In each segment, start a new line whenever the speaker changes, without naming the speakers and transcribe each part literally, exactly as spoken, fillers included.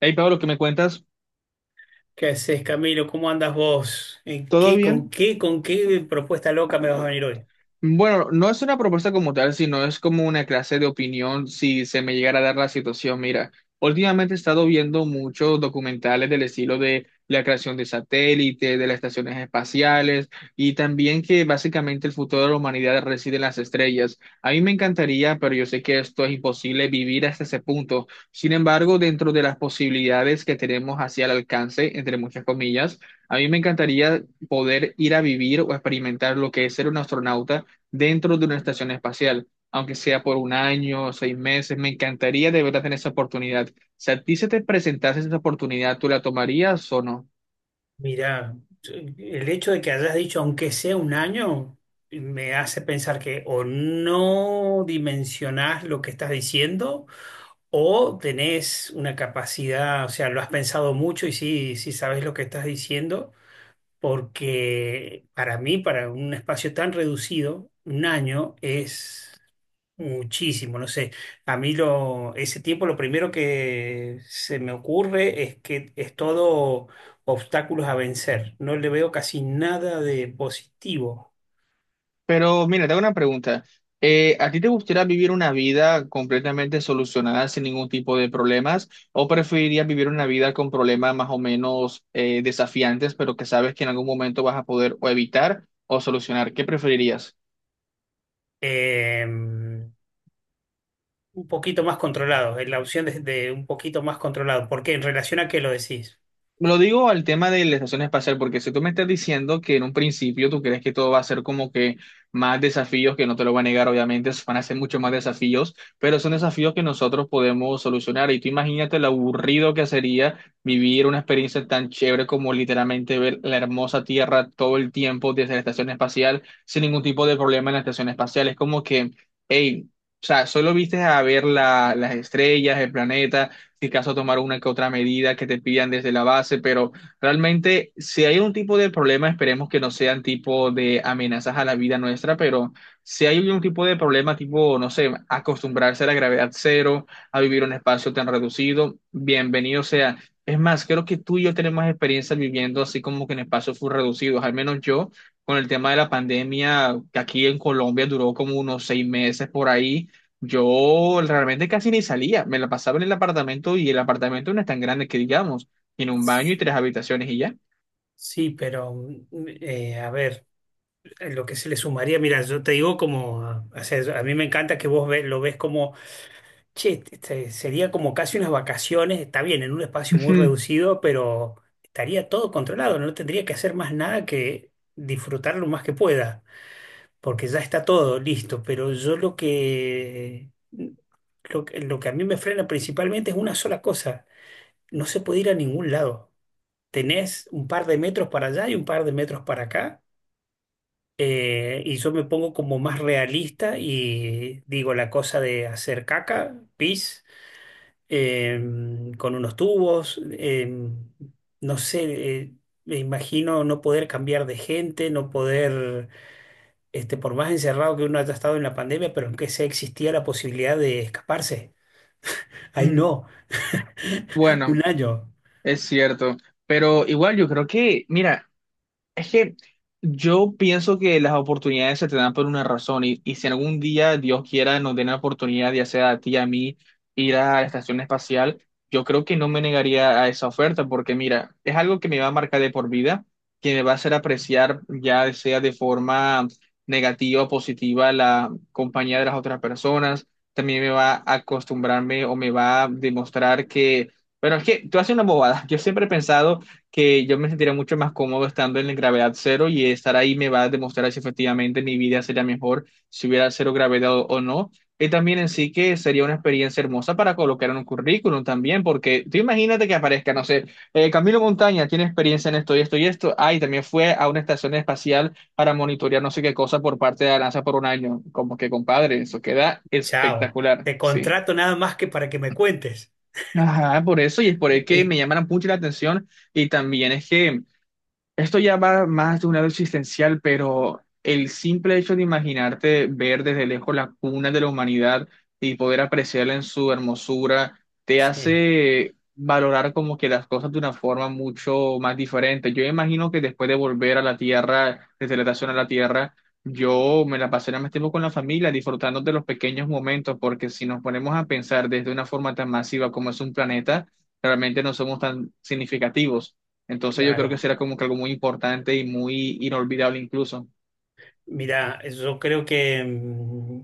Hey Pablo, ¿qué me cuentas?
¿Qué haces, Camilo? ¿Cómo andas vos? ¿En
¿Todo
qué, con
bien?
qué, con qué propuesta loca me vas a venir hoy?
Bueno, no es una propuesta como tal, sino es como una clase de opinión si se me llegara a dar la situación. Mira, últimamente he estado viendo muchos documentales del estilo de la creación de satélites, de las estaciones espaciales y también que básicamente el futuro de la humanidad reside en las estrellas. A mí me encantaría, pero yo sé que esto es imposible vivir hasta ese punto. Sin embargo, dentro de las posibilidades que tenemos hacia el alcance, entre muchas comillas, a mí me encantaría poder ir a vivir o experimentar lo que es ser un astronauta dentro de una estación espacial, aunque sea por un año o seis meses. Me encantaría de verdad tener esa oportunidad. Si a ti se te presentase esa oportunidad, ¿tú la tomarías o no?
Mirá, el hecho de que hayas dicho aunque sea un año me hace pensar que o no dimensionás lo que estás diciendo o tenés una capacidad, o sea, lo has pensado mucho y sí, sí sabes lo que estás diciendo, porque para mí, para un espacio tan reducido, un año es muchísimo, no sé. A mí lo, ese tiempo lo primero que se me ocurre es que es todo obstáculos a vencer. No le veo casi nada de positivo.
Pero mira, te hago una pregunta. Eh, ¿a ti te gustaría vivir una vida completamente solucionada sin ningún tipo de problemas? ¿O preferirías vivir una vida con problemas más o menos eh, desafiantes, pero que sabes que en algún momento vas a poder o evitar o solucionar? ¿Qué preferirías?
Eh, un poquito más controlado, es la opción de, de un poquito más controlado. ¿Por qué? En relación a qué lo decís.
Lo digo al tema de la estación espacial, porque si tú me estás diciendo que en un principio tú crees que todo va a ser como que más desafíos, que no te lo voy a negar, obviamente, van a ser mucho más desafíos, pero son desafíos que nosotros podemos solucionar. Y tú imagínate lo aburrido que sería vivir una experiencia tan chévere como literalmente ver la hermosa Tierra todo el tiempo desde la estación espacial, sin ningún tipo de problema en la estación espacial. Es como que, hey, o sea, solo viste a ver la- las estrellas, el planeta si caso tomar una que otra medida que te pidan desde la base, pero realmente si hay un tipo de problema, esperemos que no sean tipo de amenazas a la vida nuestra, pero si hay un tipo de problema tipo, no sé, acostumbrarse a la gravedad cero, a vivir un espacio tan reducido, bienvenido sea. Es más, creo que tú y yo tenemos experiencia viviendo así como que en espacios full reducidos, al menos yo con el tema de la pandemia, que aquí en Colombia duró como unos seis meses por ahí, yo realmente casi ni salía, me la pasaba en el apartamento y el apartamento no es tan grande que digamos, tiene un baño y tres habitaciones y ya.
Sí, pero mm, eh, a ver, lo que se le sumaría, mira, yo te digo como, o sea, a mí me encanta que vos ve- lo ves como: che, este- este sería como casi unas vacaciones, está bien, en un espacio muy
Ujú.
reducido, pero estaría todo controlado, no tendría que hacer más nada que disfrutar lo más que pueda, porque ya está todo listo, pero yo lo que, lo que, lo que a mí me frena principalmente es una sola cosa, no se puede ir a ningún lado. Tenés un par de metros para allá y un par de metros para acá, eh, y yo me pongo como más realista y digo la cosa de hacer caca, pis em, con unos tubos, em, no sé, eh, me imagino no poder cambiar de gente, no poder, este, por más encerrado que uno haya estado en la pandemia, pero aunque sea existía la posibilidad de escaparse. Ahí
Mm.
no,
Bueno,
un año,
es cierto, pero igual yo creo que, mira, es que yo pienso que las oportunidades se te dan por una razón y, y si algún día Dios quiera nos den la oportunidad, ya sea a ti, a mí, ir a la estación espacial, yo creo que no me negaría a esa oferta porque mira, es algo que me va a marcar de por vida, que me va a hacer apreciar ya sea de forma negativa o positiva la compañía de las otras personas, también me va a acostumbrarme o me va a demostrar que, bueno, es que tú haces una bobada, yo siempre he pensado que yo me sentiría mucho más cómodo estando en gravedad cero y estar ahí me va a demostrar si efectivamente mi vida sería mejor si hubiera cero gravedad o, o no. Y también en sí que sería una experiencia hermosa para colocar en un currículum también, porque tú imagínate que aparezca, no sé, eh, Camilo Montaña tiene experiencia en esto y esto y esto, ah, y también fue a una estación espacial para monitorear no sé qué cosa por parte de la NASA por un año. Como que, compadre, eso queda
chao,
espectacular,
te
sí.
contrato nada más que para que me cuentes.
Ajá, por eso, y es por el que
Eh,
me llamaron mucho la atención, y también es que esto ya va más de un lado existencial, pero el simple hecho de imaginarte ver desde lejos la cuna de la humanidad y poder apreciarla en su hermosura, te
sí,
hace valorar como que las cosas de una forma mucho más diferente. Yo imagino que después de volver a la Tierra, desde la estación a la Tierra, yo me la pasaré más tiempo con la familia, disfrutando de los pequeños momentos, porque si nos ponemos a pensar desde una forma tan masiva como es un planeta, realmente no somos tan significativos. Entonces yo creo que
claro.
será como que algo muy importante y muy inolvidable incluso.
Mirá, yo creo que, mm,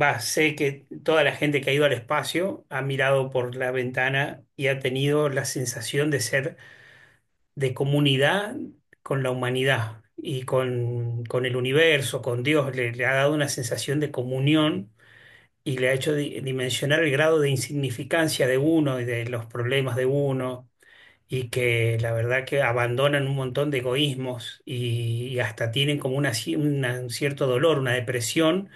va, sé que toda la gente que ha ido al espacio ha mirado por la ventana y ha tenido la sensación de ser de comunidad con la humanidad y con, con el universo, con Dios. Le, le ha dado una sensación de comunión y le ha hecho di- dimensionar el grado de insignificancia de uno y de los problemas de uno y que la verdad que abandonan un montón de egoísmos y, y hasta tienen como una, ci- una- un cierto dolor, una depresión,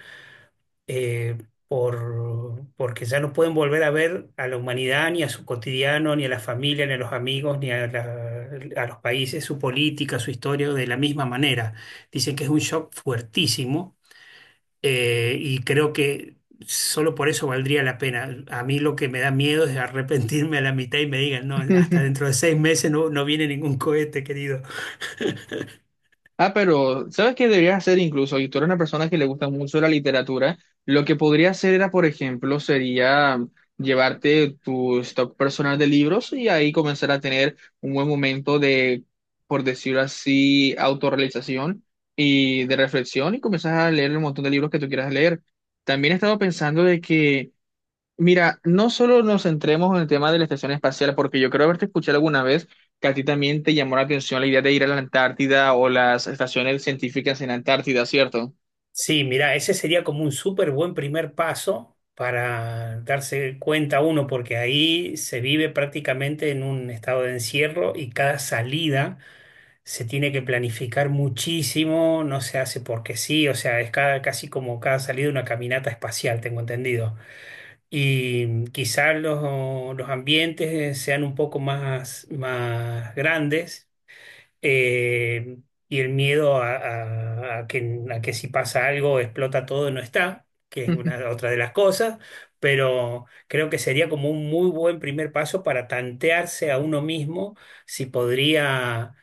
eh, por, porque ya no pueden volver a ver a la humanidad, ni a su cotidiano, ni a la familia, ni a los amigos, ni a, la- a los países, su política, su historia, de la misma manera. Dicen que es un shock fuertísimo, eh, y creo que solo por eso valdría la pena. A mí lo que me da miedo es arrepentirme a la mitad y me digan, no, hasta dentro de seis meses no, no viene ningún cohete, querido.
Ah, pero ¿sabes qué deberías hacer incluso? Y tú eres una persona que le gusta mucho la literatura, lo que podría hacer era, por ejemplo, sería llevarte tu stock personal de libros y ahí comenzar a tener un buen momento de, por decirlo así, autorrealización y de reflexión y comenzar a leer el montón de libros que tú quieras leer. También he estado pensando de que mira, no solo nos centremos en el tema de la estación espacial, porque yo creo haberte escuchado alguna vez que a ti también te llamó la atención la idea de ir a la Antártida o las estaciones científicas en Antártida, ¿cierto?
Sí, mira, ese sería como un súper buen primer paso para darse cuenta uno, porque ahí se vive prácticamente en un estado de encierro y cada salida se tiene que planificar muchísimo, no se hace porque sí, o sea, es cada- casi como cada salida una caminata espacial, tengo entendido. Y quizás los, los ambientes sean un poco más, más grandes, eh, y el miedo a, a- a que, a que si pasa algo explota todo no está, que es una otra de las cosas, pero creo que sería como un muy buen primer paso para tantearse a uno mismo si podría...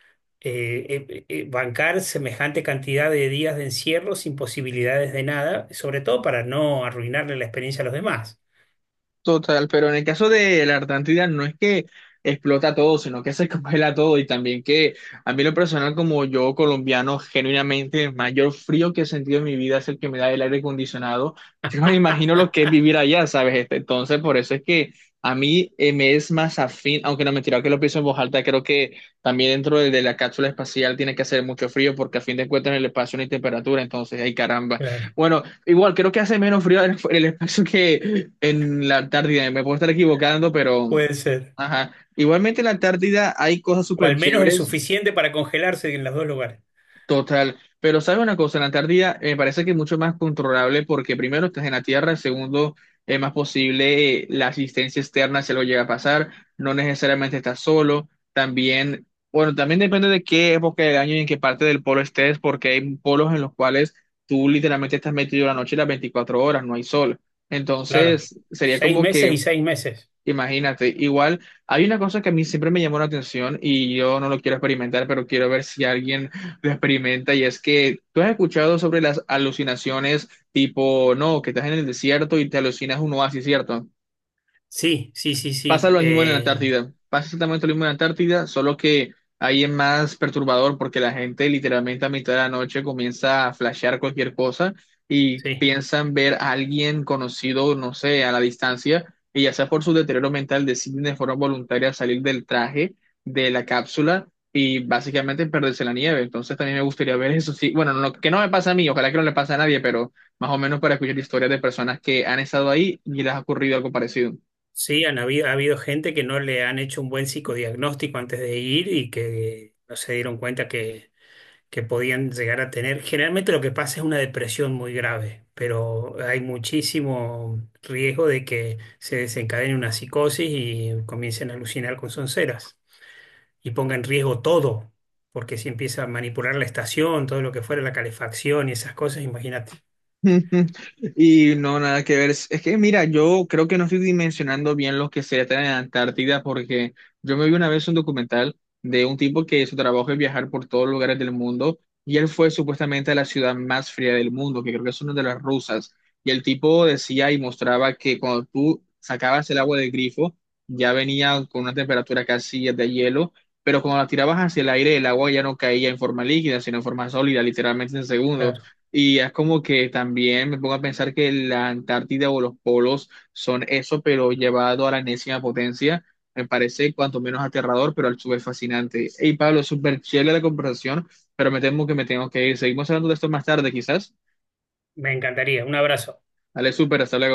eh, eh, eh, bancar semejante cantidad de días de encierro sin posibilidades de nada, sobre todo para no arruinarle la experiencia a los demás.
Total, pero en el caso de la Antártida no es que explota todo, sino que se congela todo y también que a mí lo personal como yo colombiano, genuinamente el mayor frío que he sentido en mi vida es el que me da el aire acondicionado. Yo no me imagino lo que es vivir allá, ¿sabes? Este, Entonces, por eso es que a mí eh, me es más afín, aunque no mentira que lo pienso en voz alta, creo que también dentro de, de la cápsula espacial tiene que hacer mucho frío porque a fin de cuentas en el espacio no hay temperatura, entonces, ay caramba. Bueno, igual creo que hace menos frío en el, en el espacio que en la Antártida. Me puedo estar equivocando, pero
Puede ser.
ajá. Igualmente en la Antártida hay cosas
O
súper
al menos el
chéveres.
suficiente para congelarse en los dos lugares.
Total, pero sabes una cosa, la Antártida eh, me parece que es mucho más controlable porque primero estás en la Tierra, segundo es más posible eh, la asistencia externa si algo llega a pasar, no necesariamente estás solo, también, bueno, también depende de qué época del año y en qué parte del polo estés, porque hay polos en los cuales tú literalmente estás metido la noche y las veinticuatro horas, no hay sol.
Claro.
Entonces, sería
Seis
como
meses
que
y seis meses.
imagínate, igual hay una cosa que a mí siempre me llamó la atención y yo no lo quiero experimentar, pero quiero ver si alguien lo experimenta y es que tú has escuchado sobre las alucinaciones tipo, no, que estás en el desierto y te alucinas un oasis, ¿cierto?
Sí, sí, sí,
Pasa
sí.
lo mismo en la
Eh,
Antártida. Pasa exactamente lo mismo en la Antártida, solo que ahí es más perturbador porque la gente literalmente a mitad de la noche comienza a flashear cualquier cosa y
sí.
piensan ver a alguien conocido, no sé, a la distancia, y ya sea por su deterioro mental deciden de forma voluntaria salir del traje, de la cápsula y básicamente perderse en la nieve. Entonces también me gustaría ver eso. Sí, bueno, no, que no me pasa a mí, ojalá que no le pase a nadie, pero más o menos para escuchar historias de personas que han estado ahí y les ha ocurrido algo parecido.
Sí, han habido, ha habido gente que no le han hecho un buen psicodiagnóstico antes de ir y que no se dieron cuenta que, que podían llegar a tener. Generalmente lo que pasa es una depresión muy grave, pero hay muchísimo riesgo de que se desencadene una psicosis y comiencen a alucinar con sonceras y ponga en riesgo todo, porque si empieza a manipular la estación, todo lo que fuera, la calefacción y esas cosas, imagínate.
Y no, nada que ver. Es es que, mira, yo creo que no estoy dimensionando bien lo que se trata en Antártida porque yo me vi una vez un documental de un tipo que su trabajo es viajar por todos los lugares del mundo y él fue supuestamente a la ciudad más fría del mundo, que creo que es una de las rusas. Y el tipo decía y mostraba que cuando tú sacabas el agua del grifo ya venía con una temperatura casi de hielo, pero cuando la tirabas hacia el aire el agua ya no caía en forma líquida, sino en forma sólida, literalmente en segundos.
Claro,
Y es como que también me pongo a pensar que la Antártida o los polos son eso, pero llevado a la enésima potencia. Me parece cuanto menos aterrador, pero al su vez fascinante. Hey, Pablo, súper chévere la conversación, pero me temo que me tengo que ir. Seguimos hablando de esto más tarde, quizás.
me encantaría. Un abrazo.
Dale, súper, hasta luego.